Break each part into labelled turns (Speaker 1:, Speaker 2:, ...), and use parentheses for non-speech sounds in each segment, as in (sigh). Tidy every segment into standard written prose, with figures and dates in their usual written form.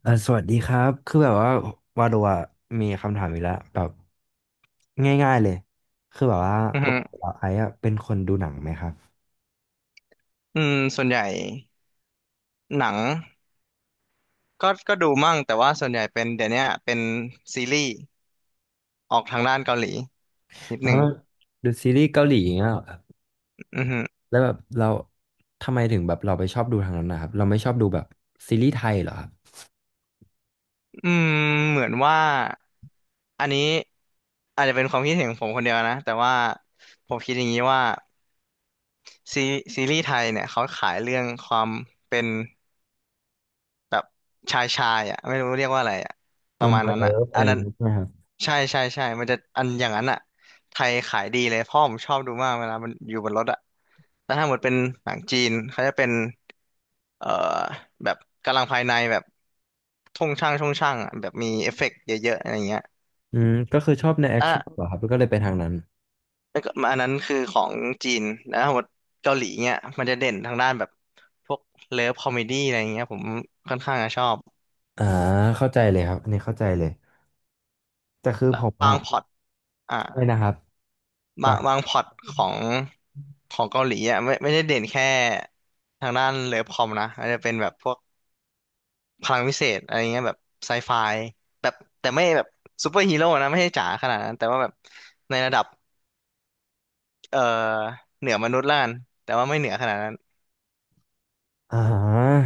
Speaker 1: สวัสดีครับคือแบบว่าวาโดะมีคำถามอีกแล้วแบบง่ายๆเลยคือแบบว่า
Speaker 2: อือ
Speaker 1: ป
Speaker 2: ฮึ
Speaker 1: กติเราไอซ์อะเป็นคนดูหนังไหมครับ
Speaker 2: อืมส่วนใหญ่หนังก็ดูมั่งแต่ว่าส่วนใหญ่เป็นเดี๋ยวเนี้ยเป็นซีรีส์ออกทางด้านเกาหลีนิด
Speaker 1: เอ
Speaker 2: ห
Speaker 1: อ
Speaker 2: นึ่ง
Speaker 1: ดูซีรีส์เกาหลีอย่างเงี้ยเหรอครับ
Speaker 2: อือฮึ
Speaker 1: แล้วแบบเราทำไมถึงแบบเราไปชอบดูทางนั้นนะครับเราไม่ชอบดูแบบซีรีส์ไทยเหรอครับ
Speaker 2: อืมเหมือนว่าอันนี้อาจจะเป็นความคิดเห็นของผมคนเดียวนะแต่ว่าผมคิดอย่างนี้ว่าซีซีรีส์ไทยเนี่ยเขาขายเรื่องความเป็น แบบชายชายอ่ะไม่รู้เรียกว่าอะไรอ่ะป
Speaker 1: นั
Speaker 2: ระ
Speaker 1: ม
Speaker 2: มาณ
Speaker 1: บอร
Speaker 2: นั้น
Speaker 1: เลิ
Speaker 2: อ่ะ
Speaker 1: ฟอะ
Speaker 2: อั
Speaker 1: ไร
Speaker 2: น
Speaker 1: อ
Speaker 2: นั้
Speaker 1: ย่า
Speaker 2: น
Speaker 1: งเงี้ยใช่ไหมครับ
Speaker 2: ใช่ใช่ใช่มันจะอันอย่างนั้นอ่ะไทยขายดีเลยพ่อผมชอบดูมากเวลามันอยู่บนรถอ่ะแล้วถ้าหมดเป็นหนังจีนเขาจะเป็นเอ่อแบบกำลังภายในแบบช่องช่างช่องช่างอะแบบมีเอฟเฟกต์เยอะๆอะไรเงี้ย
Speaker 1: อืมก็คือชอบในแอคชั่นเหร
Speaker 2: อ่ะ
Speaker 1: อครับแล้วก็เลยไปทางนั้น
Speaker 2: แล้วก็อันนั้นคือของจีนแล้วหมดเกาหลีเงี้ยมันจะเด่นทางด้านแบบพวกเลิฟคอมเมดี้อะไรเงี้ยผมค่อนข้างจะชอบ
Speaker 1: อ่าเข้าใจเลยครับอันนี้เข้าใจเลยแต่คือ
Speaker 2: แล้
Speaker 1: ผ
Speaker 2: ว
Speaker 1: ม
Speaker 2: บา
Speaker 1: อะ
Speaker 2: งพล็อตอ่ะ
Speaker 1: เนี่ยนะครับแบ
Speaker 2: บาง
Speaker 1: บ
Speaker 2: บางพล็อตของของเกาหลีอ่ะไม่ได้เด่นแค่ทางด้านเลิฟคอมนะอาจจะเป็นแบบพวกพลังวิเศษอะไรเงี้ยแบบไซไฟแบบแต่ไม่แบบซูเปอร์ฮีโร่นะไม่ใช่จ๋าขนาดนั้นแต่ว่าแบบในระดับเอ่อเหนือมนุษย์ละกันแต่ว่าไม่เหนือขนาดนั้น
Speaker 1: อ่า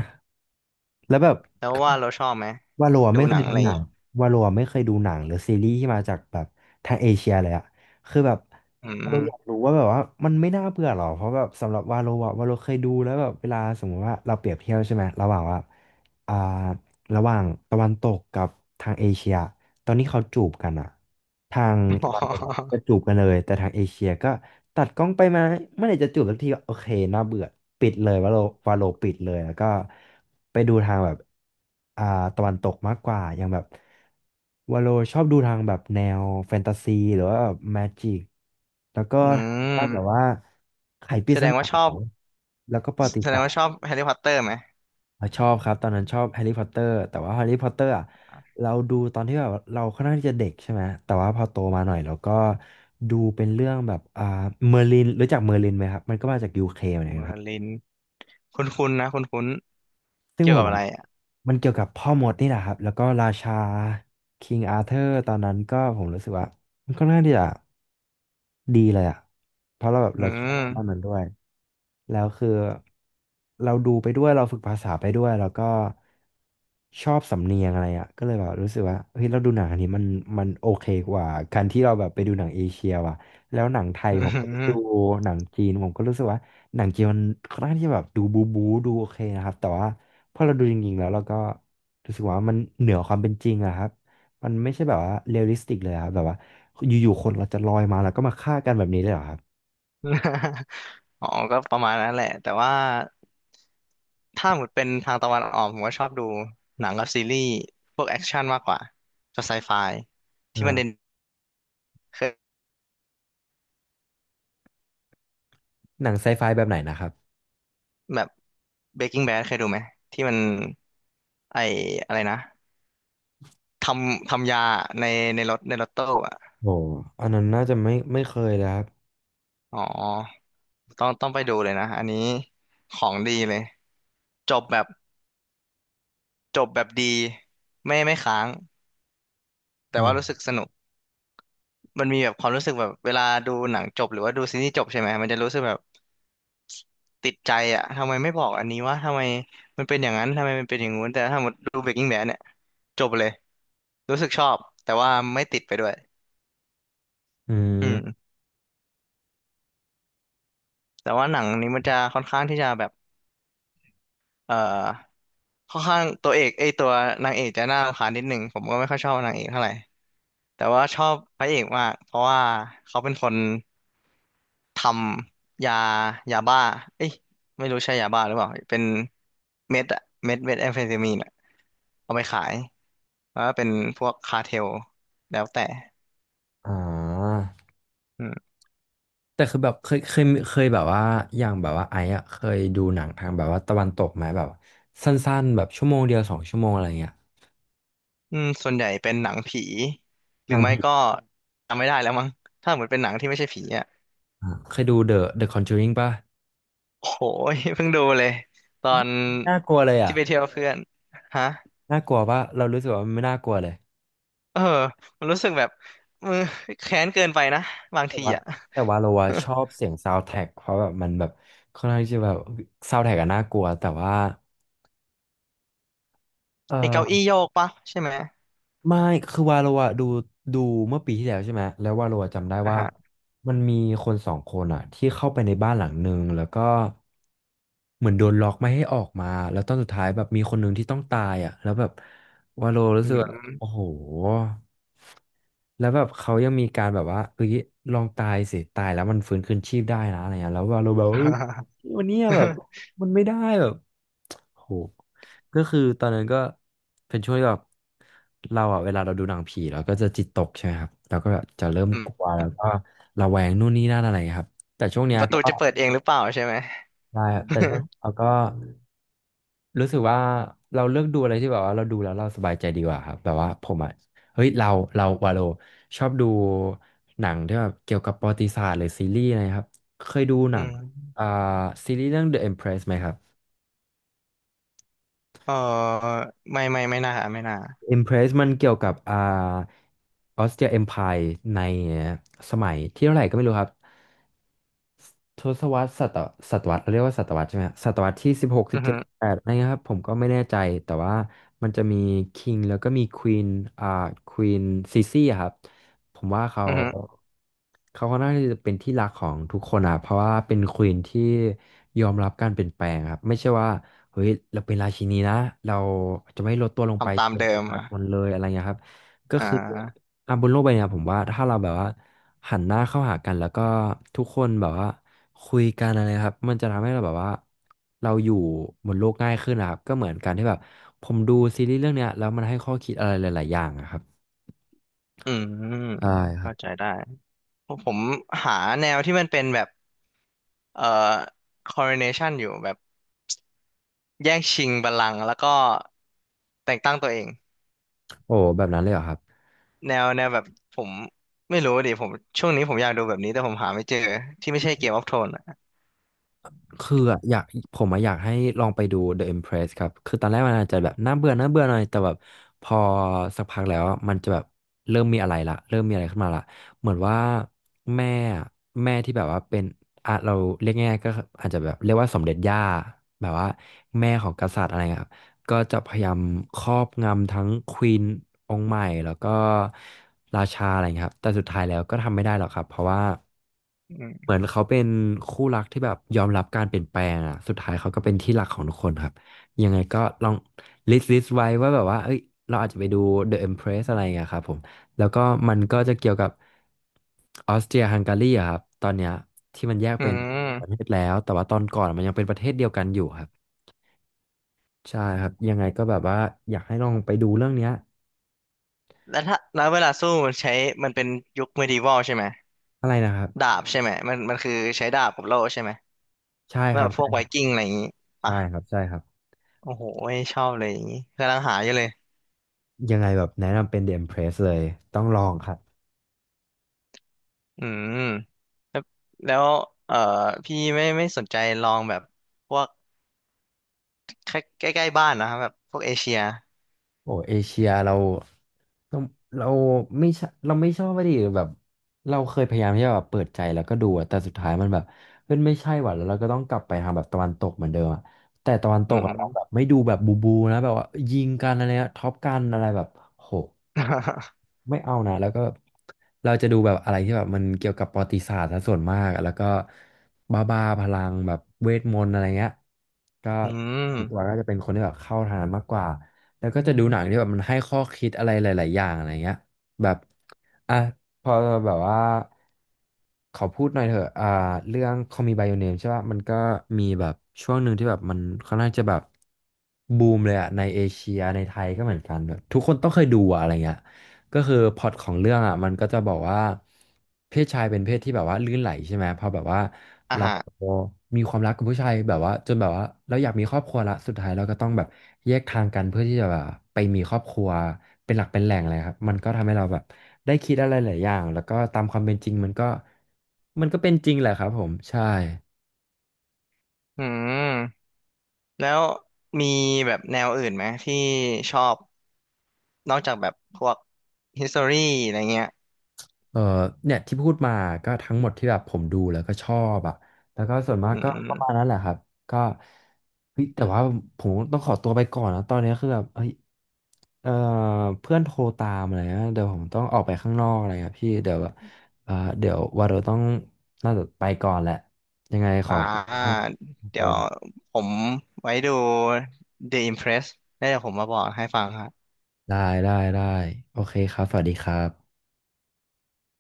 Speaker 1: แล้วแบบ
Speaker 2: แล้วว่าเราชอบไหม
Speaker 1: วาโลอะ
Speaker 2: ดู
Speaker 1: ไม่
Speaker 2: ห
Speaker 1: เค
Speaker 2: นั
Speaker 1: ย
Speaker 2: ง
Speaker 1: ดู
Speaker 2: อะไรอ
Speaker 1: ห
Speaker 2: ย่าง
Speaker 1: นัง
Speaker 2: งี้
Speaker 1: วาโลอะไม่เคยดูหนังหรือซีรีส์ที่มาจากแบบทางเอเชียเลยอะคือแบบ
Speaker 2: อืม
Speaker 1: เราอยาก
Speaker 2: (laughs)
Speaker 1: รู้ว่าแบบว่ามันไม่น่าเบื่อหรอเพราะแบบสำหรับวาโลอะวาโลเคยดูแล้วแบบเวลาสมมติว่าเราเปรียบเทียบใช่ไหมระหว่างว่าอ่าระหว่างตะวันตกกับทางเอเชียตอนนี้เขาจูบกันอะ ทางตอนตกจะ
Speaker 2: ออ
Speaker 1: จูบกันเลยแต่ทางเอเชียก็ตัดกล้องไปมาเมื่อไหร่จะจูบสักทีก็โอเคน่าเบื่อปิดเลยวาโลวาโลปิดเลยแล้วก็ไปดูทางแบบอ่าตะวันตกมากกว่าอย่างแบบวาโลชอบดูทางแบบแนวแฟนตาซีหรือว่าแบบแมจิกแล้วก็
Speaker 2: อื
Speaker 1: ทางด้านแบบ
Speaker 2: ม
Speaker 1: ว่าไขปริ
Speaker 2: แส
Speaker 1: ศ
Speaker 2: ดง
Speaker 1: นา
Speaker 2: ว่าชอบ
Speaker 1: แล้วก็ประวัติ
Speaker 2: แสดง
Speaker 1: ศาส
Speaker 2: ว่า
Speaker 1: ต
Speaker 2: ช
Speaker 1: ร์
Speaker 2: อบแฮร์รี่พอตเตอร์ไหม
Speaker 1: อ่ะชอบครับตอนนั้นชอบแฮร์รี่พอตเตอร์แต่ว่าแฮร์รี่พอตเตอร์อ่ะเราดูตอนที่แบบเราค่อนข้างที่จะเด็กใช่ไหมแต่ว่าพอโตมาหน่อยเราก็ดูเป็นเรื่องแบบเมอร์ลินรู้จักเมอร์ลินไหมครับมันก็มาจากยูเคเหมือนกั
Speaker 2: เม
Speaker 1: น
Speaker 2: อ
Speaker 1: ครับ
Speaker 2: ร์ลินคุ้นๆนะคุ้นๆ
Speaker 1: ซึ่ง
Speaker 2: เกี่ย
Speaker 1: ผ
Speaker 2: ว
Speaker 1: ม
Speaker 2: กับ
Speaker 1: บอ
Speaker 2: อะ
Speaker 1: ก
Speaker 2: ไรอ่ะ
Speaker 1: มันเกี่ยวกับพ่อมดนี่แหละครับแล้วก็ราชาคิงอาเธอร์ตอนนั้นก็ผมรู้สึกว่ามันค่อนข้างที่จะ ดีเลยอ่ะเพราะเราแบบ
Speaker 2: อื
Speaker 1: เราชอบมากมั
Speaker 2: ม
Speaker 1: นด้วย แล้วคือเราดูไปด้วยเราฝึกภาษาไปด้วยแล้วก็ชอบสำเนียงอะไรอ่ะก็เลยแบบรู้สึกว่าเฮ้ยเราดูหนังอันนี้มันมันโอเคกว่าการที่เราแบบไปดูหนังเอเชียว่ะแล้วหนังไทย
Speaker 2: อื
Speaker 1: ผมก็
Speaker 2: ม
Speaker 1: ดู
Speaker 2: (laughs)
Speaker 1: หนังจีนผมก็รู้สึกว่าหนังจีนมันค่อนข้างที่จะแบบดูบูบูดูโอเคนะครับแต่ว่าพอเราดูจริงๆแล้วเราก็รู้สึกว่ามันเหนือความเป็นจริงอะครับมันไม่ใช่แบบว่าเรียลลิสติกเลยอะครับแบบว่า อยู่ๆคนเราจะลอยมาแล้วก็มาฆ่ากันแบบนี้เลยเหรอครับ
Speaker 2: (laughs) อ๋อ ก็ประมาณนั้นแหละ แต่ว่าถ้าหมดเป็นทางตะวันออกผมก็ชอบดูหนังกับซีรีส์พวกแอคชั่นมากกว่าจะไซไฟที่มัน
Speaker 1: อ่า
Speaker 2: เด่นเคย
Speaker 1: หนังไซไฟแบบไหนนะครับ
Speaker 2: แบบเบรกกิ้งแบดเคยดูไหมที่มันไออะไรนะทำยาในรถตู้อ่ะ
Speaker 1: โอ้อันนั้นน่าจะไม่เคยเลยครับ
Speaker 2: อ๋อต้องไปดูเลยนะอันนี้ของดีเลยจบแบบจบแบบดีไม่ค้างแต่ว่ารู้สึ
Speaker 1: อ่า
Speaker 2: กสนุก มันมีแบบความรู้สึกแบบเวลาดูหนังจบหรือว่าดูซีรีส์จบใช่ไหมมันจะรู้สึกแบบติดใจอ่ะทำไมไม่บอกอันนี้วะทำไมมันเป็นอย่างนั้นทำไมมันเป็นอย่างงู้นแต่ถ้าหมดดู Breaking Bad เนี่ยจบเลยรู้สึกชอบแต่ว่าไม่ติดไปด้วย
Speaker 1: อื
Speaker 2: อืม
Speaker 1: ม
Speaker 2: แต่ว่าหนังนี้มันจะค่อนข้างที่จะแบบเอ่อค่อนข้างตัวเอกไอยตัวนางเอกจะน่ารำคาญนิดหนึ่งผมก็ไม่ค่อยชอบนางเอกเท่าไหร่แต่ว่าชอบพระเอกมากเพราะว่าเขาเป็นคน ทำยายาบ้าเอ้ยไม่รู้ใช่ยาบ้าหรือเปล่าเป็นเม็ดอะเม็ดแอมเฟตามีนอะเอาไปขายแล้วก็เป็นพวกคาร์เทลแล้วแต่
Speaker 1: อ่า
Speaker 2: อืม
Speaker 1: แต่คือแบบเคยแบบว่าอย่างแบบว่าไอ้อะเคยดูหนังทางแบบว่าตะวันตกไหมแบบสั้นๆแบบชั่วโมงเดียวสองชั่วโมงอะไรเงี้ย
Speaker 2: อืมส่วนใหญ่เป็นหนังผีห
Speaker 1: ห
Speaker 2: รือ
Speaker 1: นัง
Speaker 2: ไม่
Speaker 1: ผี
Speaker 2: ก็จำไม่ได้แล้วมั้งถ้าเหมือนเป็นหนังที่ไม่ใช่ผีอะ
Speaker 1: อ่ะเคยดู The Conjuring ป่ะ
Speaker 2: โอ้โห (laughs) ยเพิ่งดูเลยตอน
Speaker 1: น่ากลัวเลย
Speaker 2: ที่
Speaker 1: อ่ะ
Speaker 2: ไปเที่ยวเพื่อนฮะ
Speaker 1: น่ากลัวป่ะเรารู้สึกว่ามันไม่น่ากลัวเลย
Speaker 2: เออมันรู้สึกแบบมือแค้นเกินไปนะบาง
Speaker 1: แต่
Speaker 2: ที
Speaker 1: ว่า
Speaker 2: อะ
Speaker 1: แต่ว่าเราอะชอบเสียงซาว n d t ท a c k เพราะแบบมันแบบค่อนข้างที่จะแบบซาว n d t ท a c k อะน่ากลัวแต่ว่าเอ
Speaker 2: (laughs) ไอเก้า
Speaker 1: อ
Speaker 2: อี้โยกปะใช่ไหม
Speaker 1: ไม่ คือวาโลอะดูเมื่อปีที่แล้วใช่ไหมแล้ววาโลอะจำได้
Speaker 2: อ่ะ
Speaker 1: ว่า
Speaker 2: ฮะ
Speaker 1: มันมีคนสองคนอะที่เข้าไปในบ้านหลังหนึ่งแล้วก็เหมือนโดนล็อกไม่ให้ออกมาแล้วตอนสุดท้ายแบบมีคนหนึ่งที่ต้องตายอะแล้วแบบวาโลรู้
Speaker 2: อื
Speaker 1: สึกว่าโอ้
Speaker 2: ม
Speaker 1: โหแล้วแบบเขายังมีการแบบว่าเอ้ยลองตายสิตายแล้วมันฟื้นคืนชีพได้นะอะไรเงี้ยแล้ววาโลแบบว่าเอ้ย
Speaker 2: (laughs)
Speaker 1: วันเนี้ยแบบมันไม่ได้แบบโห ก็คือตอนนั้นก็เป็นช่วงที่แบบเราอะเวลาเราดูหนังผีเราก็จะจิตตกใช่ไหมครับเราก็แบบจะเริ่ม
Speaker 2: อื
Speaker 1: ก
Speaker 2: ม
Speaker 1: ลัวแล้วก็ระแวงนู่นนี่นั่นอะไรครับแต่ช่วงเนี้ย
Speaker 2: ประตู
Speaker 1: ก็
Speaker 2: จะเปิดเองหรือเปล่าใช่ไหม (laughs)
Speaker 1: ได้ครับแต่ช่วงเราก็รู้สึกว่าเราเลือกดูอะไรที่แบบว่าเราดูแล้วเราสบายใจดีกว่าครับแบบว่าผมอะเฮ้ยเราเราวาโลชอบดูหนังที่แบบเกี่ยวกับประวัติศาสตร์หรือซีรีส์อะไรครับเคยดูห
Speaker 2: อื
Speaker 1: นังอ่า
Speaker 2: ม
Speaker 1: ซีรีส์เรื่อง The Empress ไหมครับ
Speaker 2: เออไม่ไม่น่าไม่น่า
Speaker 1: Impress มันเกี่ยวกับออสเตรียเอ็มไพร์ในสมัยที่เท่าไหร่ก็ไม่รู้ครับ ทศวรรษศตวรรษเรียกว่าศตวรรษใช่ไหมฮะศตวรรษที่สิบหกสิ
Speaker 2: อื
Speaker 1: บ
Speaker 2: อ
Speaker 1: เจ็
Speaker 2: ฮึ
Speaker 1: ดแปดอะไรเงี้ยครับผมก็ไม่แน่ใจแต่ว่ามันจะมีคิงแล้วก็มีควีนอ่าควีนซีซี่ครับผมว่าเขา
Speaker 2: อือฮึ
Speaker 1: เขาค่อนข้างที่จะเป็นที่รักของทุกคนอ่ะเพราะว่าเป็นควีนที่ยอมรับการเปลี่ยนแปลงครับไม่ใช่ว่าเฮ้ยเราเป็นราชินีนะเราจะไม่ลดตัวลงไป
Speaker 2: ทำตาม
Speaker 1: เกี่ยว
Speaker 2: เดิ
Speaker 1: กับประ
Speaker 2: ม
Speaker 1: ชา
Speaker 2: อ่ะ
Speaker 1: ชนเลยอะไรเงี้ยครับก็
Speaker 2: อ่
Speaker 1: คือ
Speaker 2: า
Speaker 1: อ่ะบนโลกใบเนี้ยผมว่าถ้าเราแบบว่าหันหน้าเข้าหากันแล้วก็ทุกคนแบบว่าคุยกันอะไรครับมันจะทำให้เราแบบว่าเราอยู่บนโลกง่ายขึ้นนะครับก็เหมือนการที่แบบผมดูซีรีส์เรื่องเนี้ยแล้วมันให้ข้อคิดอะไรหลายๆอย่างอะครับ
Speaker 2: อืม
Speaker 1: ใช่ครับ
Speaker 2: เข้าใจได้ผมหาแนวที่มันเป็นแบบเอ่อ coronation อยู่แบบแย่งชิงบัลลังก์แล้วก็แต่งตั้งตัวเอง
Speaker 1: โอ้แบบนั้นเลยเหรอครับ
Speaker 2: แนวแบบผมไม่รู้ดิผมช่วงนี้ผมอยากดูแบบนี้แต่ผมหาไม่เจอที่ไม่ใช่เกมออฟโทนอ่ะ
Speaker 1: คืออะอยากผมอะอยากให้ลองไปดู The Empress ครับ คือตอนแรกมันอาจจะแบบน่าเบื่อหน่อย แต่แบบพอสักพักแล้วอะมันจะแบบเริ่มมีอะไรขึ้นมาละเหมือนว่าแม่อะแม่ที่แบบว่าเป็นอ่ะเราเรียกง่ายๆก็อาจจะแบบเรียกว่าสมเด็จย่าแบบว่าแม่ของกษัตริย์อะไรเงี้ย ก็จะพยายามครอบงำทั้งควีนองค์ใหม่แล้วก็ราชาอะไรอย่างเงี้ยครับแต่สุดท้ายแล้วก็ทำไม่ได้หรอกครับเพราะว่า
Speaker 2: อืม
Speaker 1: เหมือนเขาเป็นคู่รักที่แบบยอมรับการเปลี่ยนแปลงอ่ะสุดท้ายเขาก็เป็นที่รักของทุกคนครับยังไงก็ลองลิสต์ไว้ว่าแบบว่าเอ้ยเราอาจจะไปดู The Empress อะไรอย่างเงี้ยครับผมแล้วก็มันก็จะเกี่ยวกับออสเตรียฮังการีอะครับตอนเนี้ยที่มันแยก
Speaker 2: อื
Speaker 1: เป็นประเท
Speaker 2: ม
Speaker 1: ศแล้วแต่ว่าตอนก่อนมันยังเป็นประเทศเดียวกันอยู่ครับ ใช่ครับยังไงก็แบบว่าอยากให้ลองไปดูเรื่องเนี้ย
Speaker 2: แล้วถ้าแล้วเวลาสู้มันใช้มันเป็นยุคเมดิว a ลใช่ไหม
Speaker 1: อะไรนะครับ
Speaker 2: ดาบใช่ไหมมันมันคือใช้ดาบกับโล่ใช่ไหม
Speaker 1: ใช่
Speaker 2: แบ
Speaker 1: ครับ
Speaker 2: บพ
Speaker 1: ใช่
Speaker 2: วกไว
Speaker 1: ครับ
Speaker 2: กิ้งอะไรอย่างงี้
Speaker 1: ใช่
Speaker 2: ปะ
Speaker 1: ครับใช่ครับ
Speaker 2: โอ้โหไม่ชอบเลยอย่างงี้กำลังหาอยู่เลย
Speaker 1: ยังไงแบบแนะนำเป็น The Empress เลยต้องลองครับ
Speaker 2: อืมแล้วเอ่อพี่ไม่สนใจลองแบบพวกใกล้ใกล้ๆบ้านนะครับแบบพวกเอเชีย
Speaker 1: โอ้เอเชียเราเราไม่ชเราไม่ชอบว่าดิแบบเราเคยพยายามที่จะแบบเปิดใจแล้วก็ดูอะแต่สุดท้ายมันแบบเฮ้ยไม่ใช่ว่ะแล้วเราก็ต้องกลับไปทางแบบตะวันตกเหมือนเดิมอะแต่ตะวันต
Speaker 2: อื
Speaker 1: กอะ
Speaker 2: ม
Speaker 1: เราแบบไม่ดูแบบบูบูนะแบบว่ายิงกันอะไรนะท็อปกันอะไรแบบโห
Speaker 2: (laughs)
Speaker 1: ไม่เอานะแล้วก็แบบเราจะดูแบบอะไรที่แบบมันเกี่ยวกับประวัติศาสตร์ซะส่วนมากแล้วก็บ้าพลังแบบเวทมนต์อะไรเงี้ยก็
Speaker 2: อื
Speaker 1: ส่วนตัว
Speaker 2: ม
Speaker 1: ก็จะเป็นคนที่แบบเข้าทางนั้นมากกว่าแล้วก็จะดูหนังที่แบบมันให้ข้อคิดอะไรหลายๆอย่างอะไรเงี้ยแบบอ่ะพอแบบว่าขอพูดหน่อยเถอะอ่าเรื่อง Call Me by Your Name ใช่ป่ะมันก็มีแบบช่วงหนึ่งที่แบบมันค่อนข้างจะแบบบูมเลยอะในเอเชียในไทยก็เหมือนกันแบบทุกคนต้องเคยดูอะอะไรเงี้ย ก็คือพล็อตของเรื่องอ่ะมันก็จะบอกว่าเพศชายเป็นเพศที่แบบว่าลื่นไหลใช่ไหมพอแบบว่า
Speaker 2: อ่ะ
Speaker 1: เรา
Speaker 2: ฮะ
Speaker 1: มีความรักกับผู้ชายแบบว่าจนแบบว่าเราอยากมีครอบครัวละสุดท้ายเราก็ต้องแบบแยกทางกันเพื่อที่จะแบบไปมีครอบครัวเป็นหลักเป็นแหล่งอะไรครับมันก็ทำให้เราแบบได้คิดอะไรหลายอย่างแล้วก็ตามความเป็นจริงมันก็เป็นจริงแหละครับผมใช่
Speaker 2: อืมแล้วมีแบบแนวอื่นไหมที่ชอบนอกจากแบบพวก history อะไรเงี้ย
Speaker 1: เออเนี่ยที่พูดมาก็ทั้งหมดที่แบบผมดูแล้วก็ชอบอ่ะแล้วก็ส่วนมาก
Speaker 2: อื
Speaker 1: ก็ประมาณ
Speaker 2: ม
Speaker 1: นั้นแหละครับก็เฮ้ยแต่ว่าผมต้องขอตัวไปก่อนนะตอนนี้คือแบบเฮ้ยเออเพื่อนโทรตามอะไรนะเดี๋ยวผมต้องออกไปข้างนอกอะไรครับพี่เดี๋ยวเออเดี๋ยวว่าเราต้องน่าจะไปก่อนแหละยังไงขอ
Speaker 2: อ่า
Speaker 1: บคุณมากค
Speaker 2: เดี๋
Speaker 1: รั
Speaker 2: ยว
Speaker 1: บ
Speaker 2: ผมไว้ดู The Impress แล้วเดี๋ยวผมมาบอกให้ฟังครับ
Speaker 1: ได้ได้โอเคครับสวัสดีครับ